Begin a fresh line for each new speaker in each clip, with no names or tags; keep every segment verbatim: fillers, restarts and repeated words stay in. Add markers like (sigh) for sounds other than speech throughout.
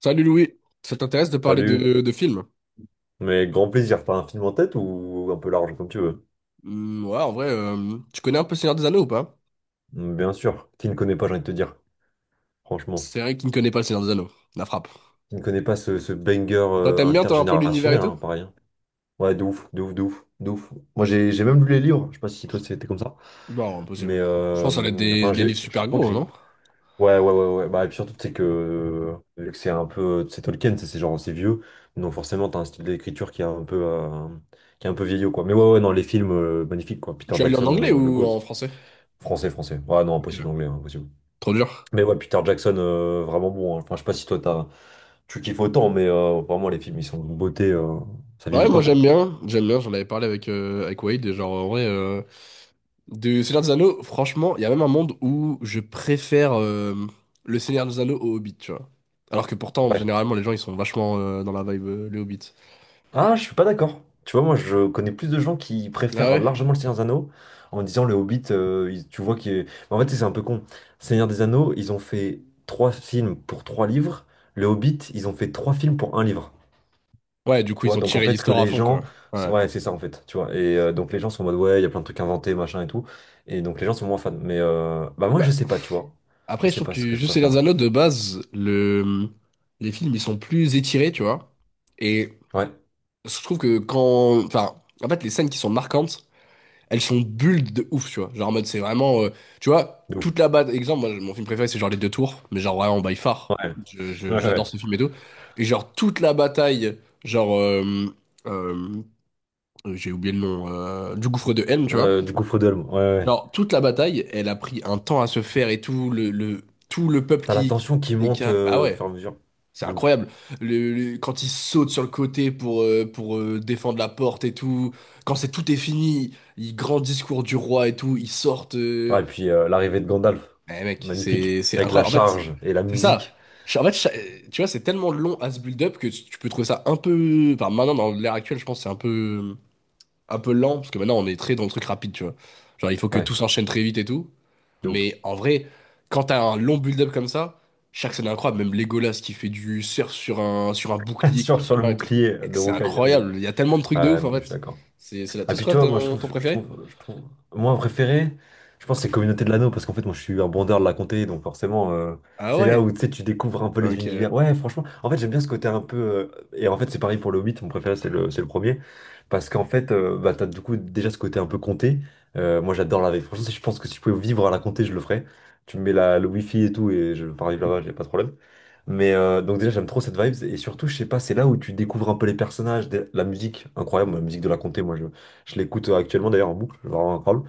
Salut Louis, ça t'intéresse de parler
Salut,
de, de films?
mais grand plaisir, t'as un film en tête ou un peu large comme tu veux?
Hmm, ouais, en vrai, euh, tu connais un peu Seigneur des Anneaux ou pas?
Bien sûr, qui ne connaît pas, j'ai envie de te dire, franchement.
C'est vrai qu'il ne connaît pas le Seigneur des Anneaux, la frappe.
Qui ne connaît pas ce, ce banger
Toi,
euh,
t'aimes bien, toi, un peu l'univers et
intergénérationnel,
tout?
hein, pareil, hein. Ouais, de ouf, de ouf, de ouf, de ouf. Moi j'ai j'ai même lu les livres, je sais pas si toi c'était comme ça,
Non,
mais
impossible. Je pense que ça va être
euh,
des,
enfin
des livres
j'ai, je
super
crois que
gros,
j'ai.
non?
Ouais, ouais, ouais, ouais. Bah, et puis surtout, c'est que, vu que c'est un peu. C'est Tolkien, c'est c'est genre, c'est vieux, donc forcément t'as un style d'écriture qui est un peu, euh, qui est un peu vieillot, quoi. Mais ouais, ouais, non, les films euh, magnifiques, quoi. Peter
Tu as lu en
Jackson,
anglais
euh, le
ou
GOAT.
en français?
Français, français. Ouais non, impossible
Ok.
anglais, hein, impossible.
Trop dur.
Mais ouais, Peter Jackson, euh, vraiment bon, hein. Enfin, je sais pas si toi t'as, tu kiffes autant, mais euh, vraiment, les films, ils sont de beauté, euh, ça
Ouais,
vieillit pas,
moi j'aime
quoi.
bien, j'aime bien, j'en avais parlé avec, euh, avec Wade, et genre en vrai, euh, du Seigneur des Anneaux, franchement, il y a même un monde où je préfère euh, le Seigneur des Anneaux au Hobbit, tu vois. Alors que pourtant,
Ouais.
généralement, les gens ils sont vachement euh, dans la vibe, euh, le Hobbit.
Ah, je suis pas d'accord. Tu vois, moi, je connais plus de gens qui
Ah
préfèrent
ouais?
largement Le Seigneur des Anneaux en disant Le Hobbit, euh, il- tu vois, qui est. En fait, c'est un peu con. Seigneur des Anneaux, ils ont fait trois films pour trois livres. Le Hobbit, ils ont fait trois films pour un livre.
Ouais, du coup,
Tu
ils
vois,
ont
donc en
tiré
fait, que
l'histoire à
les
fond,
gens.
quoi. Ouais.
Ouais, c'est ça en fait, tu vois. Et euh, donc les gens sont en mode, ouais, il y a plein de trucs inventés, machin et tout. Et donc les gens sont moins fans. Mais euh, bah moi, je
Bah,
sais pas, tu vois. Je
après, je
sais
trouve
pas ce
que
que je
juste les
préfère.
Anneaux, de base, le... les films, ils sont plus étirés, tu vois. Et
Ouais,
je trouve que quand... enfin, en fait, les scènes qui sont marquantes, elles sont bulles de ouf, tu vois. Genre, en mode, c'est vraiment, euh, tu vois,
de ouf.
toute la bataille. Exemple, moi, mon film préféré, c'est genre Les Deux Tours, mais genre vraiment by far.
Ouais,
Je- je-
ouais,
J'adore
ouais.
ce film et tout. Et genre, toute la bataille, genre, euh, euh, j'ai oublié le nom, euh, du gouffre de Helm, tu vois.
Euh, du gouffre d'Elm, ouais, ouais, ouais.
Genre, toute la bataille, elle a pris un temps à se faire et tout le, le- tout le peuple
T'as la
qui, qui
tension qui monte
décale. Bah
euh, au fur
ouais,
et à mesure.
c'est
De ouf.
incroyable. Le, le- quand il saute sur le côté pour, euh, pour euh, défendre la porte et tout, quand c'est tout est fini, il grand discours du roi et tout, ils sortent.
Ouais,
euh,
et puis euh, l'arrivée de Gandalf,
Eh mec,
magnifique.
c'est c'est
Avec la
incroyable. En fait,
charge et la
c'est ça.
musique.
Ch- En fait, cha- tu vois, c'est tellement long à ce build-up que tu tu peux trouver ça un peu. Enfin, maintenant, dans l'ère actuelle, je pense que c'est un peu un peu lent, parce que maintenant on est très dans le truc rapide, tu vois. Genre il faut que
Ouais,
tout s'enchaîne très vite et tout.
de ouf.
Mais en vrai, quand t'as un long build-up comme ça, chaque scène est incroyable, même Legolas qui fait du surf sur un, sur un
(laughs)
bouclier qui
Sur,
tire sur
sur
la
le
mer et tout.
bouclier
Et
de
c'est
Rocaille, ouais, de ouf.
incroyable, il y a tellement de trucs de
Ah
ouf en
non, mais je suis
fait.
d'accord.
C'est c'est là.
Ah
Toi, c'est
puis
quoi
tu vois, moi je
ton,
trouve,
ton
je
préféré?
trouve, je trouve, moi préféré, je pense que c'est Communauté de l'Anneau parce qu'en fait moi je suis un bandeur de la Comté, donc forcément euh,
Ah
c'est là où
ouais?
tu sais tu découvres un peu les
Ok.
univers. Ouais, franchement, en fait j'aime bien ce côté un peu, euh, et en fait c'est pareil pour le Hobbit, mon préféré c'est le, c'est le premier parce qu'en fait euh, bah t'as du coup déjà ce côté un peu Comté. Euh, moi j'adore la vie. Franchement, si je pense que si je pouvais vivre à la Comté, je le ferais. Tu me mets la, le wifi et tout et je pars vivre là-bas, j'ai pas de problème. Mais euh, donc déjà j'aime trop cette vibe, et surtout je sais pas, c'est là où tu découvres un peu les personnages, la la musique musique incroyable, la musique de la comté. Moi je l'écoute euh, actuellement d'ailleurs en boucle, vraiment incroyable.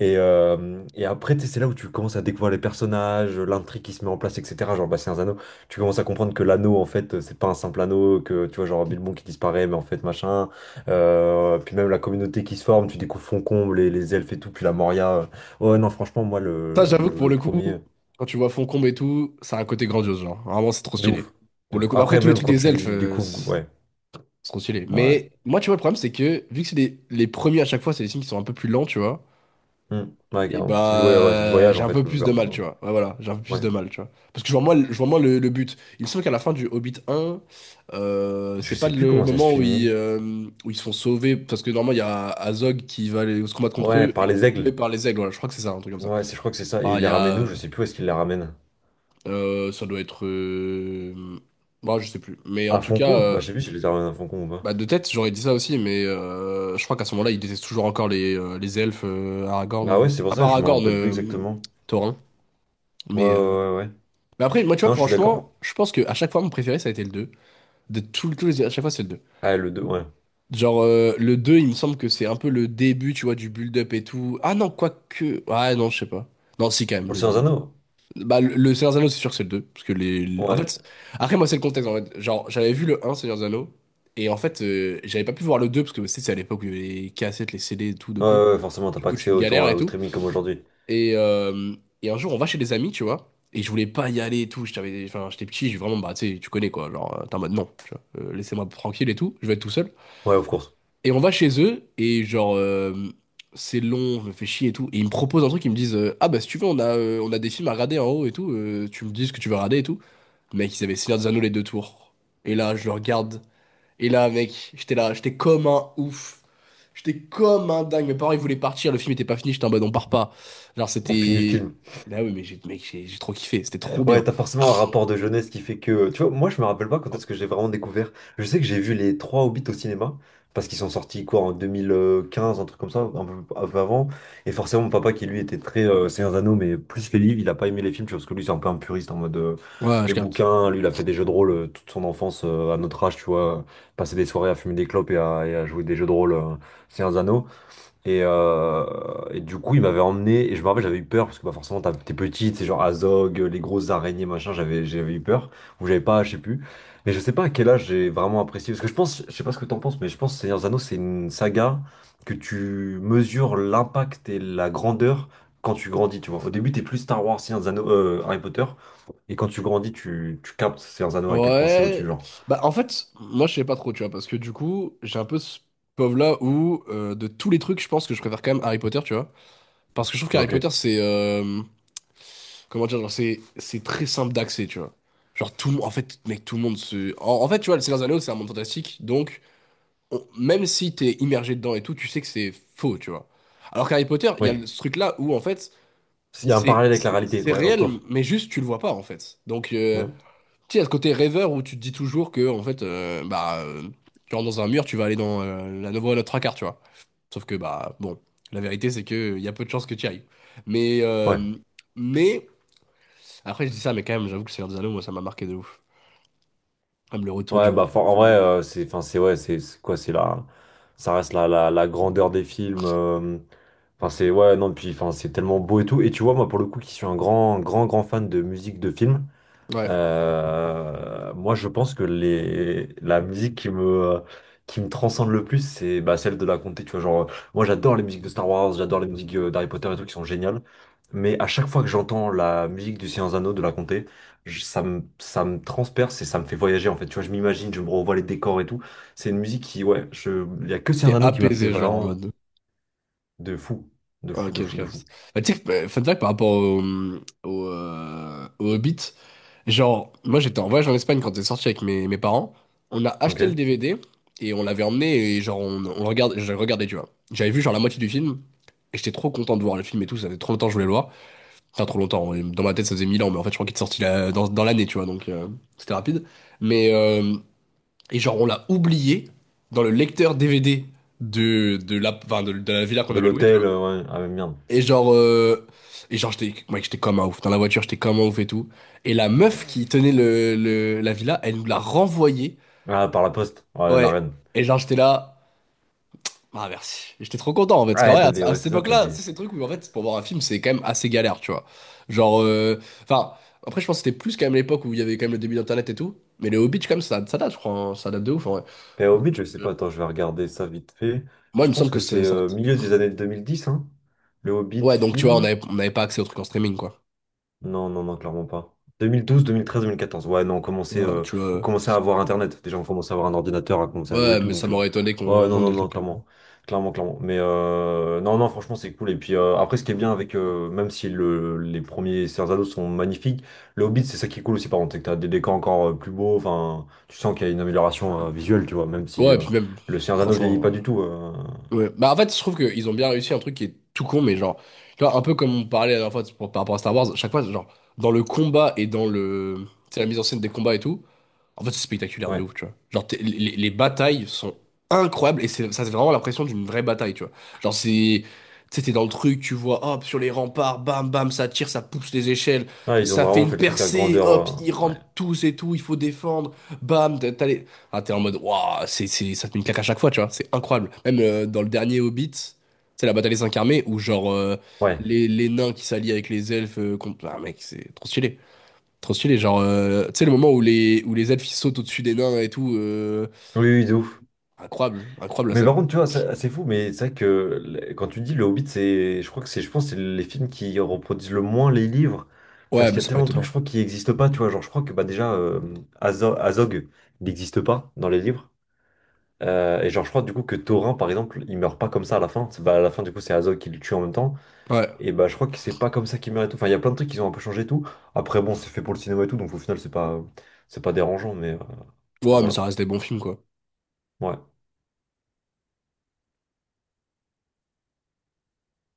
Et, euh, et après, tu c'est là où tu commences à découvrir les personnages, l'intrigue qui se met en place, et cetera. Genre, bah, c'est un anneau. Tu commences à comprendre que l'anneau, en fait, c'est pas un simple anneau, que tu vois, genre Bilbon qui disparaît, mais en fait, machin. Euh, puis même la communauté qui se forme, tu découvres Foncombe, les, les elfes et tout, puis la Moria. Ouais, non, franchement, moi,
Ça,
le,
j'avoue que
le,
pour
le
le coup,
premier,
quand tu vois Foncombe et tout, ça a un côté grandiose, genre. Vraiment, c'est trop
de
stylé.
ouf, de
Pour le
ouf.
coup, bah, après,
Après,
tous les
même
trucs
quand
des elfes,
tu
euh,
découvres, ouais,
se consulé.
ouais.
Mais moi, tu vois, le problème, c'est que vu que c'est des- les premiers à chaque fois, c'est des signes qui sont un peu plus lents, tu vois.
Hmm, ouais,
Et
carrément. C'est du, ouais, ouais, c'est du
bah,
voyage,
j'ai
en
un
fait,
peu
le Blue
plus de mal, tu
Bird.
vois. Ouais, voilà, j'ai un peu plus
Ouais.
de mal, tu vois. Parce que je vois moins, je vois moins le, le but. Il me semble qu'à la fin du Hobbit un, euh,
Je
c'est pas
sais plus
le
comment ça se
moment où ils,
finit.
euh, où ils se font sauver. Parce que normalement, il y a Azog qui va aller se combattre contre
Ouais,
eux et
par
qui
les
est sauvé
aigles.
par les aigles. Voilà, je crois que c'est ça, un truc comme ça.
Ouais, c'est- je crois que c'est ça. Et
Ah,
il
il
les
y
ramène où? Je
a.
sais plus où est-ce qu'il les ramène.
Euh, ça doit être. euh, Bah, je sais plus. Mais en
À
tout cas.
Foncombe? Bah,
euh,
je sais plus s'il les ramène à Foncombe ou pas.
Bah, de tête, j'aurais dit ça aussi, mais euh, je crois qu'à ce moment-là, il déteste toujours encore les, euh, les elfes, euh,
Ah ouais,
Aragorn.
c'est pour
À
ça
part
que je me
Aragorn,
rappelle plus
euh,
exactement.
Thorin.
Ouais, ouais,
Mais, euh,
ouais, ouais.
mais après, moi, tu vois,
Non, je suis d'accord, hein.
franchement, je pense que à chaque fois, mon préféré, ça a été le deux. De tout, tous les... à chaque fois, c'est le deux.
Ah, le deux ouais.
Genre, euh, le deux il me semble que c'est un peu le début, tu vois, du build-up et tout. Ah non, quoique. Ah non, je sais pas. Non, si, quand même.
Pour le Seigneur des Anneaux?
Le... Bah, le le Seigneur des Anneaux, c'est sûr que c'est le deux. Parce que les... les- en
Ouais.
fait, après, moi, c'est le contexte, en fait. Genre, j'avais vu le un Seigneur des Anneaux, et en fait, euh, j'avais pas pu voir le deux parce que tu sais, c'est à l'époque où il y avait les cassettes, les C D, et tout de
Ouais,
con.
ouais, ouais, forcément, t'as
Du
pas
coup,
accès
tu
autant
galères
à-
et
au
tout.
streaming comme aujourd'hui.
Et, euh, et un jour, on va chez des amis, tu vois, et je voulais pas y aller et tout. Je t'avais- Enfin, j'étais petit, j'ai vraiment, bah, tu sais, tu connais, quoi. Genre, euh, t'es en mode, non, tu vois, euh, laissez-moi tranquille et tout, je vais être tout seul.
Ouais, of course.
Et on va chez eux, et genre, euh, c'est long, je me fais chier et tout. Et ils me proposent un truc, ils me disent, euh, ah bah si tu veux, on a, euh, on a des films à regarder en haut et tout, euh, tu me dis ce que tu veux regarder et tout. Mec, ils avaient Seigneur des Anneaux les deux tours. Et là, je le regarde. Et là, mec, j'étais là, j'étais comme un ouf. J'étais comme un dingue. Mes parents, ils voulaient partir, le film était pas fini, j'étais en mode, on part pas. Genre,
On finit le
c'était.
film.
Bah oui, mais j'ai, mec, j'ai j'ai trop kiffé, c'était trop
Ouais,
bien.
t'as forcément un rapport de jeunesse qui fait que, tu vois, moi, je me rappelle pas quand est-ce que j'ai vraiment découvert. Je sais que j'ai vu les trois Hobbits au cinéma, parce qu'ils sont sortis, quoi, en deux mille quinze, un truc comme ça, un peu, un peu avant. Et forcément, mon papa, qui lui était très euh, Seigneur des Anneaux, mais plus les livres, il a pas aimé les films, tu vois, parce que lui, c'est un peu un puriste, en mode, euh,
Ouais, je
les
capte.
bouquins, lui, il a fait des jeux de rôle euh, toute son enfance, euh, à notre âge, tu vois. Passer des soirées à fumer des clopes et à, et à jouer des jeux de rôle, euh, Seigneur des Anneaux. Et, euh, et du coup, il m'avait emmené, et je me rappelle, j'avais eu peur, parce que bah, forcément, t'as- t'es petite, c'est genre Azog, euh, les grosses araignées, machin, j'avais j'avais eu peur, ou j'avais pas, je sais plus. Mais je sais pas à quel âge j'ai vraiment apprécié, parce que je pense, je sais pas ce que t'en penses, mais je pense que Seigneur des Anneaux, c'est une saga que tu mesures l'impact et la grandeur quand tu grandis, tu vois. Au début, t'es plus Star Wars, Seigneur des Anneaux, euh, Harry Potter, et quand tu grandis, tu, tu captes Seigneur des Anneaux à quel point c'est
Ouais,
au-dessus, genre.
bah en fait, moi je sais pas trop, tu vois, parce que du coup, j'ai un peu ce pauvre-là où, euh, de tous les trucs, je pense que je préfère quand même Harry Potter, tu vois. Parce que je trouve qu'Harry
Ok,
Potter, c'est, euh, comment dire, genre, c'est, c'est très simple d'accès, tu vois. Genre, tout le monde, en fait, mec, tout le monde se... En, en fait, tu vois, le Seigneur des Anneaux, c'est un monde fantastique, donc, on- même si t'es immergé dedans et tout, tu sais que c'est faux, tu vois. Alors qu'Harry Potter, il y a le-
oui.
ce truc-là où, en fait,
Il y a un
c'est
parallèle avec la
c'est-
réalité,
c'est
ouais, of
réel,
course.
mais juste, tu le vois pas, en fait. Donc, euh,
Hmm.
tu sais, il y a ce côté rêveur où tu te dis toujours que, en fait, euh, bah, euh, tu rentres dans un mur, tu vas aller dans euh, la voie à notre trois quarts, tu vois. Sauf que, bah, bon, la vérité, c'est que euh, il y a peu de chances que tu y ailles. Mais,
Ouais.
euh, mais, après, je dis ça, mais quand même, j'avoue que Seigneur des Anneaux, moi, ça m'a marqué de ouf. Comme le retour du
Ouais,
roi,
bah
et
for- en vrai,
tout.
euh, c'est enfin c'est ouais, c'est c'est quoi, c'est la ça reste la, la, la grandeur des films, euh, enfin c'est ouais, non, puis enfin c'est tellement beau et tout, et tu vois moi pour le coup qui suis un grand grand grand fan de musique de film,
Ouais.
euh, moi, je pense que les, la musique qui me, qui me, transcende le plus, c'est bah, celle de la comté. Tu vois, genre, euh, moi, j'adore les musiques de Star Wars, j'adore les musiques euh, d'Harry Potter et tout qui sont géniales. Mais à chaque fois que j'entends la musique du Seigneur des Anneaux de la comté, je- ça me, ça me transperce et ça me fait voyager en fait. Tu vois, je m'imagine, je me revois les décors et tout. C'est une musique qui, ouais, je, il y a que Seigneur
T'es
des Anneaux qui m'a fait
apaisé, genre, en
vraiment
mode,
de fou, de
ah,
fou, de
Ok, je
fou, de
capte.
fou.
Bah, tu sais, que, bah, fun fact par rapport au, au, euh, au Hobbit, genre, moi j'étais en voyage en Espagne quand c'est sorti avec mes, mes parents. On a acheté le
Ok?
D V D et on l'avait emmené et genre, on, on le regarde, je le regardais, tu vois. J'avais vu genre la moitié du film et j'étais trop content de voir le film et tout. Ça faisait trop longtemps que je voulais le voir. Enfin, trop longtemps. Ouais. Dans ma tête, ça faisait mille ans, mais en fait, je crois qu'il est sorti la- dans, dans l'année, tu vois, donc euh, c'était rapide. Mais, euh, et genre, on l'a oublié dans le lecteur D V D de, de la, enfin, de de la villa qu'on
De
avait louée.
l'hôtel, euh, ouais, ah, merde.
Et genre, euh, et genre j'étais mec, j'étais comme un ouf. Dans la voiture, j'étais comme un ouf et tout. Et la meuf qui tenait le, le- la villa, elle nous l'a renvoyée.
Ah, par la poste, ouais, la
Ouais.
reine.
Et genre, j'étais là. Ah, merci. Et j'étais trop content en fait. Parce qu'en
Ah,
vrai,
t'as
à,
des,
à
ouais,
cette
c'est ça, t'as
époque-là, c'est
des.
ces trucs où en fait, pour voir un film, c'est quand même assez galère, tu vois. Genre, euh, enfin, après, je pense que c'était plus quand même l'époque où il y avait quand même le début d'Internet et tout. Mais les Hobbits, quand même, ça, ça date, je crois. Hein. Ça date de ouf en vrai.
Les Hobbit je sais
Euh,
pas, attends, je vais regarder ça vite fait.
Moi, il
Je
me semble
pense que
que ça
c'est
ça
euh,
date.
milieu des années deux mille dix, hein. Le Hobbit
Ouais, donc tu vois, on
film.
avait, on n'avait pas accès aux trucs en streaming, quoi.
Non, non, non, clairement pas. Deux deux mille mille douze, deux mille treize, deux mille quatorze. Ouais, non, on
Tu
commençait,
vois,
euh,
tu
on
vois.
commençait à avoir Internet. Déjà, on commençait à avoir un ordinateur, à commencer à louer et
Ouais,
tout.
mais ça
Donc, euh,
m'aurait étonné
ouais,
qu'on
non,
qu'on ait
non,
le
non,
truc.
clairement. Clairement, clairement. Mais euh, non, non, franchement, c'est cool. Et puis euh, après, ce qui est bien avec, euh, même si le, les premiers Cerzano sont magnifiques, le Hobbit, c'est ça qui est cool aussi, par contre. C'est que t'as des décors encore euh, plus beaux. Enfin, tu sens qu'il y a une amélioration euh, visuelle, tu vois, même si
Ouais,
euh,
puis même,
le Cerzano vieillit
franchement.
pas du tout, euh,
Ouais. Bah, en fait, je trouve qu'ils ont bien réussi un truc qui est tout con, mais genre, tu vois, un peu comme on parlait la dernière fois pour- par rapport à Star Wars, chaque fois, genre, dans le combat et dans le, tu sais, la mise en scène des combats et tout, en fait, c'est spectaculaire de
ouais.
ouf, tu vois. Genre, t'es- les, les batailles sont incroyables et c'est, ça, c'est vraiment l'impression d'une vraie bataille, tu vois. Genre, c'est. Tu sais, t'es dans le truc, tu vois, hop, sur les remparts, bam, bam, ça tire, ça pousse les échelles,
Ouais, ils ont
ça fait
vraiment
une
fait le truc à
percée,
grandeur,
hop, ils
euh, ouais.
rentrent tous et tout, il faut défendre, bam, t'as t'as les. Ah, t'es en mode, waouh, c'est, c'est, ça te met une claque à chaque fois, tu vois, c'est incroyable. Même euh, dans le dernier Hobbit, c'est la bataille des cinq armées où, genre, euh,
Ouais.
les, les nains qui s'allient avec les elfes, euh, contre. Ah, mec, c'est trop stylé. Trop stylé, genre, euh, tu sais, le moment où les, où les elfes ils sautent au-dessus des nains et tout, euh,
Oui, oui, de ouf.
incroyable, incroyable la
Mais par
scène.
contre, tu vois, ça- c'est fou, mais c'est vrai que le- quand tu dis Le Hobbit, c'est, je crois que c'est, je pense, que c'est les films qui reproduisent le moins les livres,
Ouais,
parce
mais
qu'il y a
c'est pas
tellement de trucs,
étonnant.
je crois, qui n'existent pas, tu vois. Genre, je crois que bah déjà, euh, Azo- Azog, il n'existe pas dans les livres. Euh, et genre, je crois du coup que Thorin, par exemple, il meurt pas comme ça à la fin. C'est- Bah, à la fin, du coup, c'est Azog qui le tue en même temps.
Ouais,
Et bah, je crois que c'est pas comme ça qu'il meurt et tout. Enfin, il y a plein de trucs qui ont un peu changé et tout. Après, bon, c'est fait pour le cinéma et tout, donc au final, c'est pas, c'est pas, dérangeant, mais, euh, mais
ouais, mais
voilà.
ça reste des bons films, quoi.
Ouais.